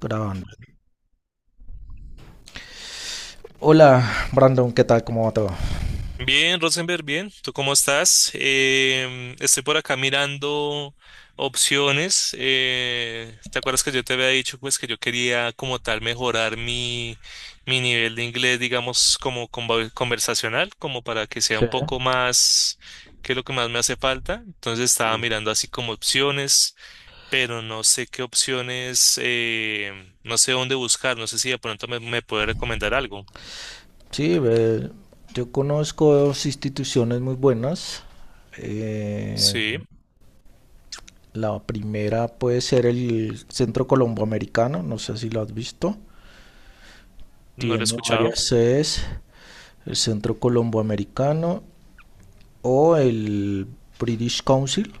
Grabando. Hola, Brandon, ¿qué tal? ¿Cómo va todo? Bien, Rosenberg, bien. ¿Tú cómo estás? Estoy por acá mirando opciones. ¿Te acuerdas que yo te había dicho pues que yo quería como tal mejorar mi nivel de inglés, digamos, como conversacional, como para que sea Sí, un poco más, que es lo que más me hace falta? Entonces estaba sí. mirando así como opciones, pero no sé qué opciones, no sé dónde buscar, no sé si de pronto me puede recomendar algo. Sí, ve, yo conozco dos instituciones muy buenas. Eh, Sí, la primera puede ser el Centro Colomboamericano, no sé si lo has visto. no lo he Tiene escuchado. varias sedes, el Centro Colomboamericano o el British Council.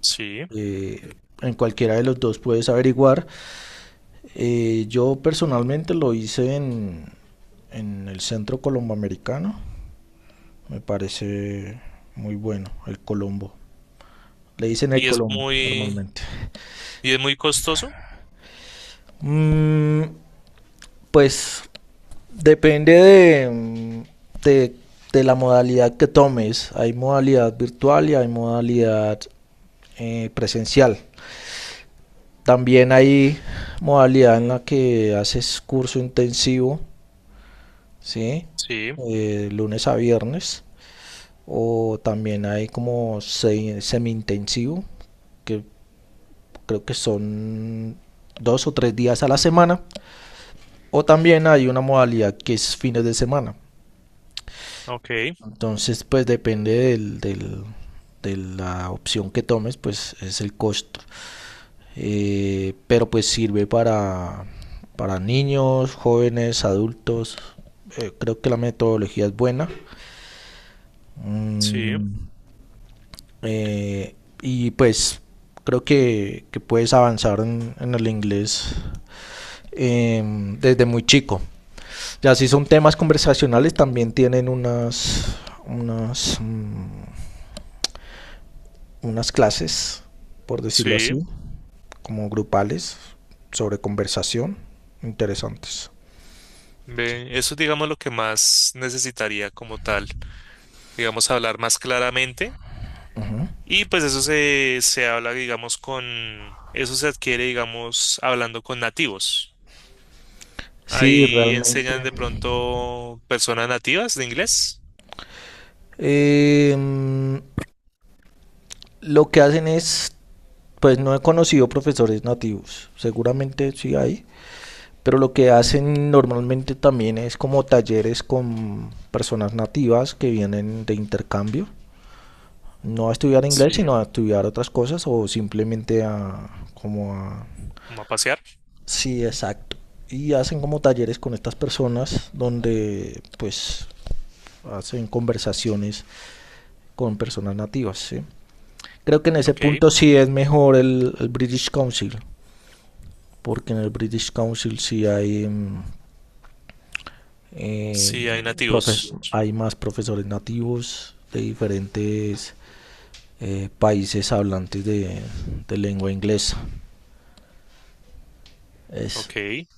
Sí. Eh, en cualquiera de los dos puedes averiguar. Yo personalmente lo hice en el Centro Colomboamericano. Me parece muy bueno el Colombo. Le dicen el Y es Colombo muy, normalmente. y es muy costoso. Mm, pues depende de, de la modalidad que tomes. Hay modalidad virtual y hay modalidad presencial. También hay modalidad en la que haces curso intensivo, ¿sí? Sí, Lunes a viernes. O también hay como semi-intensivo, que creo que son dos o tres días a la semana. O también hay una modalidad que es fines de semana. ok, Entonces, pues depende de la opción que tomes, pues es el costo. Pero pues sirve para niños, jóvenes, adultos. Creo que la metodología es buena. sí, Mm. Eh, y pues creo que puedes avanzar en el inglés, eh, desde muy chico. Ya si son temas conversacionales, también tienen unas, mm, unas clases, por decirlo sí. así, como grupales, sobre conversación, interesantes. Ve, eso es, digamos, lo que más necesitaría como tal, digamos, hablar más claramente. Y pues eso se habla, digamos, con, eso se adquiere, digamos, hablando con nativos. Sí, Ahí realmente. enseñan de pronto personas nativas de inglés. Em, lo que hacen es, pues no he conocido profesores nativos, seguramente sí hay, pero lo que hacen normalmente también es como talleres con personas nativas que vienen de intercambio, no a estudiar inglés, Sí, sino a estudiar otras cosas o simplemente a como a... como a pasear. Sí, exacto. Y hacen como talleres con estas personas donde pues hacen conversaciones con personas nativas, ¿sí? Creo que en ese Ok, punto sí es mejor el British Council, porque en el British Council sí hay mm. Eh, sí, hay profe- nativos. Hay más profesores nativos de diferentes países hablantes de lengua inglesa. Es, Ok,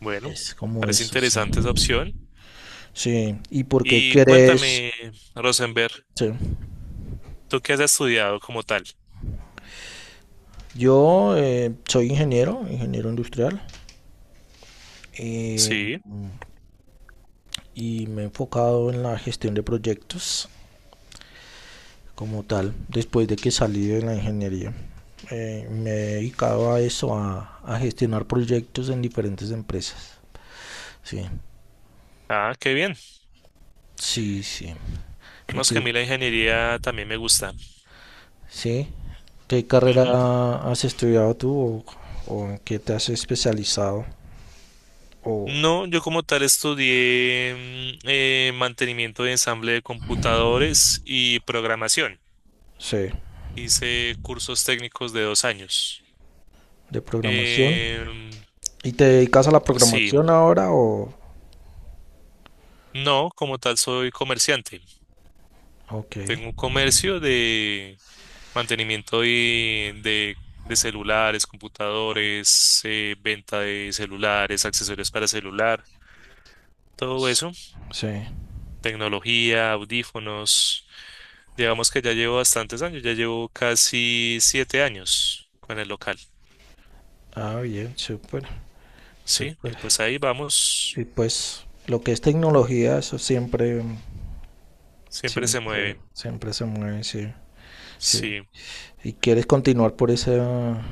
bueno, es como parece eso, sí. interesante esa opción. Sí, ¿y por qué Y quieres? cuéntame, Rosenberg, Sí. ¿tú qué has estudiado como tal? Yo soy ingeniero, ingeniero industrial, eh, Sí. y me he enfocado en la gestión de proyectos, como tal, después de que salí de la ingeniería. Me he dedicado a eso, a gestionar proyectos en diferentes empresas. Sí, Ah, qué bien. sí, sí. ¿Y Vemos que a qué, mí la ingeniería también me gusta. sí? ¿Qué Ujú. carrera has estudiado tú o en qué te has especializado? O, No, yo como tal estudié mantenimiento de ensamble de computadores y programación. sí, Hice cursos técnicos de 2 años. de programación. Em, ¿Y te dedicas a la sí, programación ahora o...? no, como tal soy comerciante. Ok. Tengo un comercio. Mantenimiento de celulares, computadores, venta de celulares, accesorios para celular, todo S- eso, Sí. tecnología, audífonos. Digamos que ya llevo bastantes años, ya llevo casi 7 años con el local, Ah, bien, súper, ¿sí? Y súper. pues ahí vamos, Y pues lo que es tecnología, eso siempre. siempre se Siempre, mueve, siempre se mueve, sí, sí. sí. ¿Y quieres continuar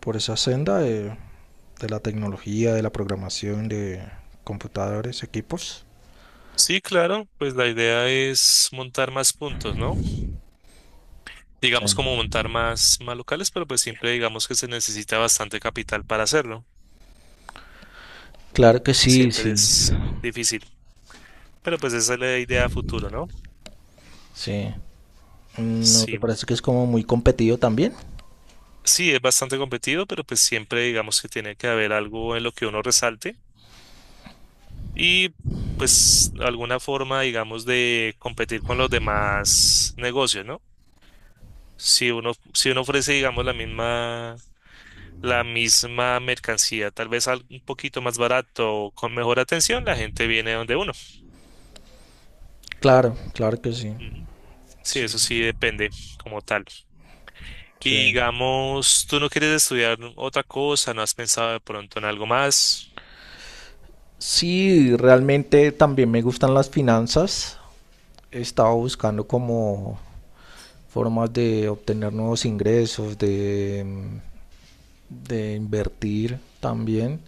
por esa senda de la tecnología, de la programación, de computadores, equipos? Sí, claro, pues la idea es montar más puntos, ¿no? Sí. Digamos como montar más locales, pero pues siempre digamos que se necesita bastante capital para hacerlo. Claro que sí, Siempre sí, es difícil. Pero pues esa es la idea a futuro, ¿no? sí. ¿No te Sí, parece que es como muy competido también? sí, es bastante competido, pero pues siempre digamos que tiene que haber algo en lo que uno resalte y pues alguna forma, digamos, de competir con los demás negocios, ¿no? Si uno ofrece, digamos, la misma mercancía, tal vez un poquito más barato o con mejor atención, la gente viene donde uno. Claro, claro que sí. Ujú. Sí, Sí, eso sí depende como tal. sí. Y digamos, tú no quieres estudiar otra cosa, no has pensado de pronto en algo más. Sí, realmente también me gustan las finanzas. He estado buscando como formas de obtener nuevos ingresos, de invertir también.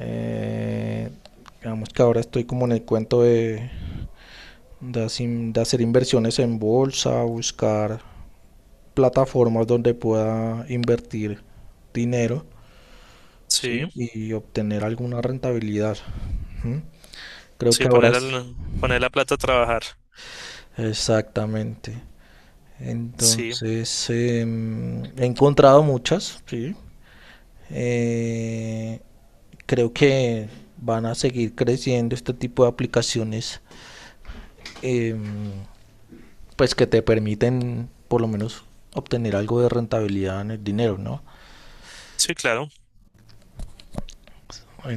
Eh, digamos que ahora estoy como en el cuento de, hacer- inversiones en bolsa, buscar plataformas donde pueda invertir dinero, ¿sí? Sí, Y obtener alguna rentabilidad. Ujú. Creo sí, que ahora poner, es poner la plata a trabajar. exactamente. Sí, Entonces, he encontrado muchas, sí. Eh, Creo que van a seguir creciendo este tipo de aplicaciones, eh, pues que te permiten por lo menos obtener algo de rentabilidad en el dinero, ¿no? sí, claro,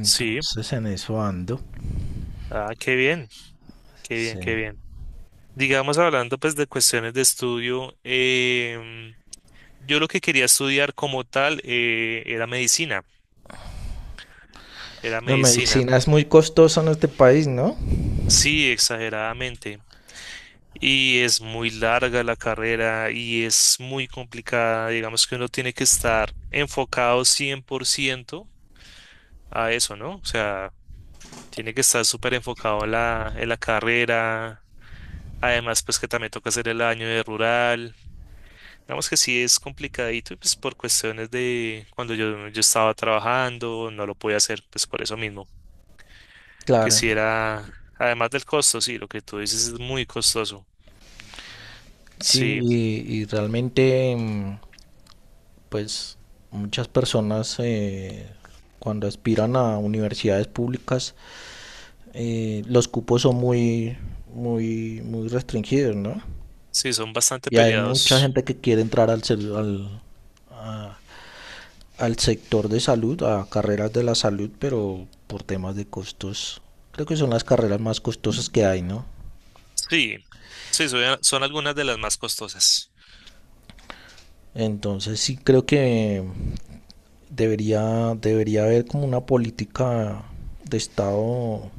sí. en eso ando. Ah, qué bien, qué bien, Sí. qué bien. Digamos, hablando pues de cuestiones de estudio, yo lo que quería estudiar como tal era medicina, era La medicina. medicina es muy costosa en este país, ¿no? Sí, exageradamente. Y es muy larga la carrera y es muy complicada. Digamos que uno tiene que estar enfocado 100% a eso, ¿no? O sea, tiene que estar súper enfocado en la carrera. Además, pues que también toca hacer el año de rural. Digamos que sí es complicadito, y, pues por cuestiones de cuando yo estaba trabajando, no lo podía hacer, pues por eso mismo. Que Claro. si era, además del costo, sí, lo que tú dices es muy costoso. Sí, Sí, y realmente, mm, pues muchas personas cuando aspiran a universidades públicas, los cupos son muy, muy, muy restringidos, ¿no? sí, son bastante Y hay mucha peleados. gente que quiere entrar a- al sector de salud, a carreras de la salud, pero por temas de costos. Creo que son las carreras más costosas que hay, ¿no? Sí, sí, son, algunas de las más costosas. Entonces sí creo que debería haber como una política de Estado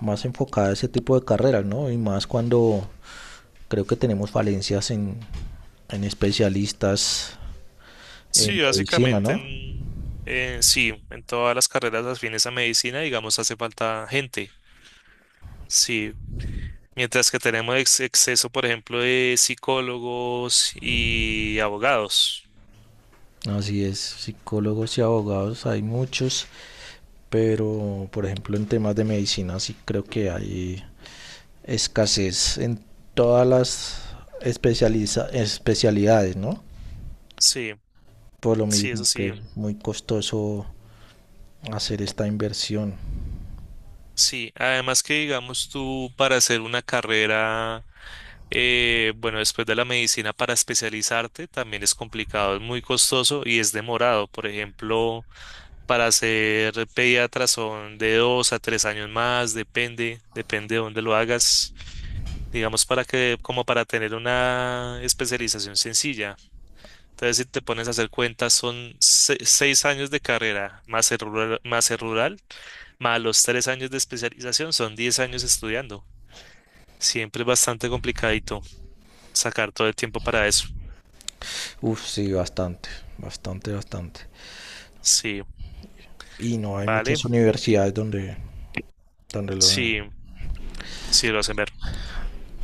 más enfocada a ese tipo de carreras, ¿no? Y más cuando creo que tenemos falencias en especialistas en Sí, medicina, básicamente ¿no? Sí, en todas las carreras afines a medicina, digamos, hace falta gente. Sí, mientras que tenemos exceso, por ejemplo, de psicólogos y abogados. Así es, psicólogos y abogados, hay muchos, pero por ejemplo en temas de medicina sí creo que hay escasez en todas las especialidades, ¿no? Sí, Por lo sí, eso mismo que sí. es muy costoso hacer esta inversión. Sí, además que digamos tú para hacer una carrera, bueno, después de la medicina para especializarte también es complicado, es muy costoso y es demorado. Por ejemplo, para ser pediatra son de 2 a 3 años más, depende de dónde lo hagas, digamos para que, como para tener una especialización sencilla. Entonces, si te pones a hacer cuentas, son 6 años de carrera más el rural, más el rural, más los 3 años de especialización, son 10 años estudiando. Siempre es bastante complicadito sacar todo el tiempo para eso. Uf, sí, bastante, bastante, bastante. Sí, Y no hay vale, muchas universidades donde, donde lo den. sí, sí lo hacen ver.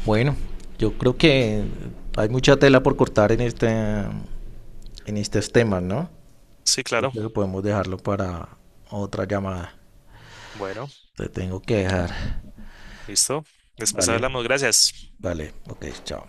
Bueno, yo creo que hay mucha tela por cortar en en estos temas, ¿no? Sí, Yo claro. creo que podemos dejarlo para otra llamada. Bueno, Te tengo que dejar. listo. Después Vale, hablamos, gracias. vale, ok, chao.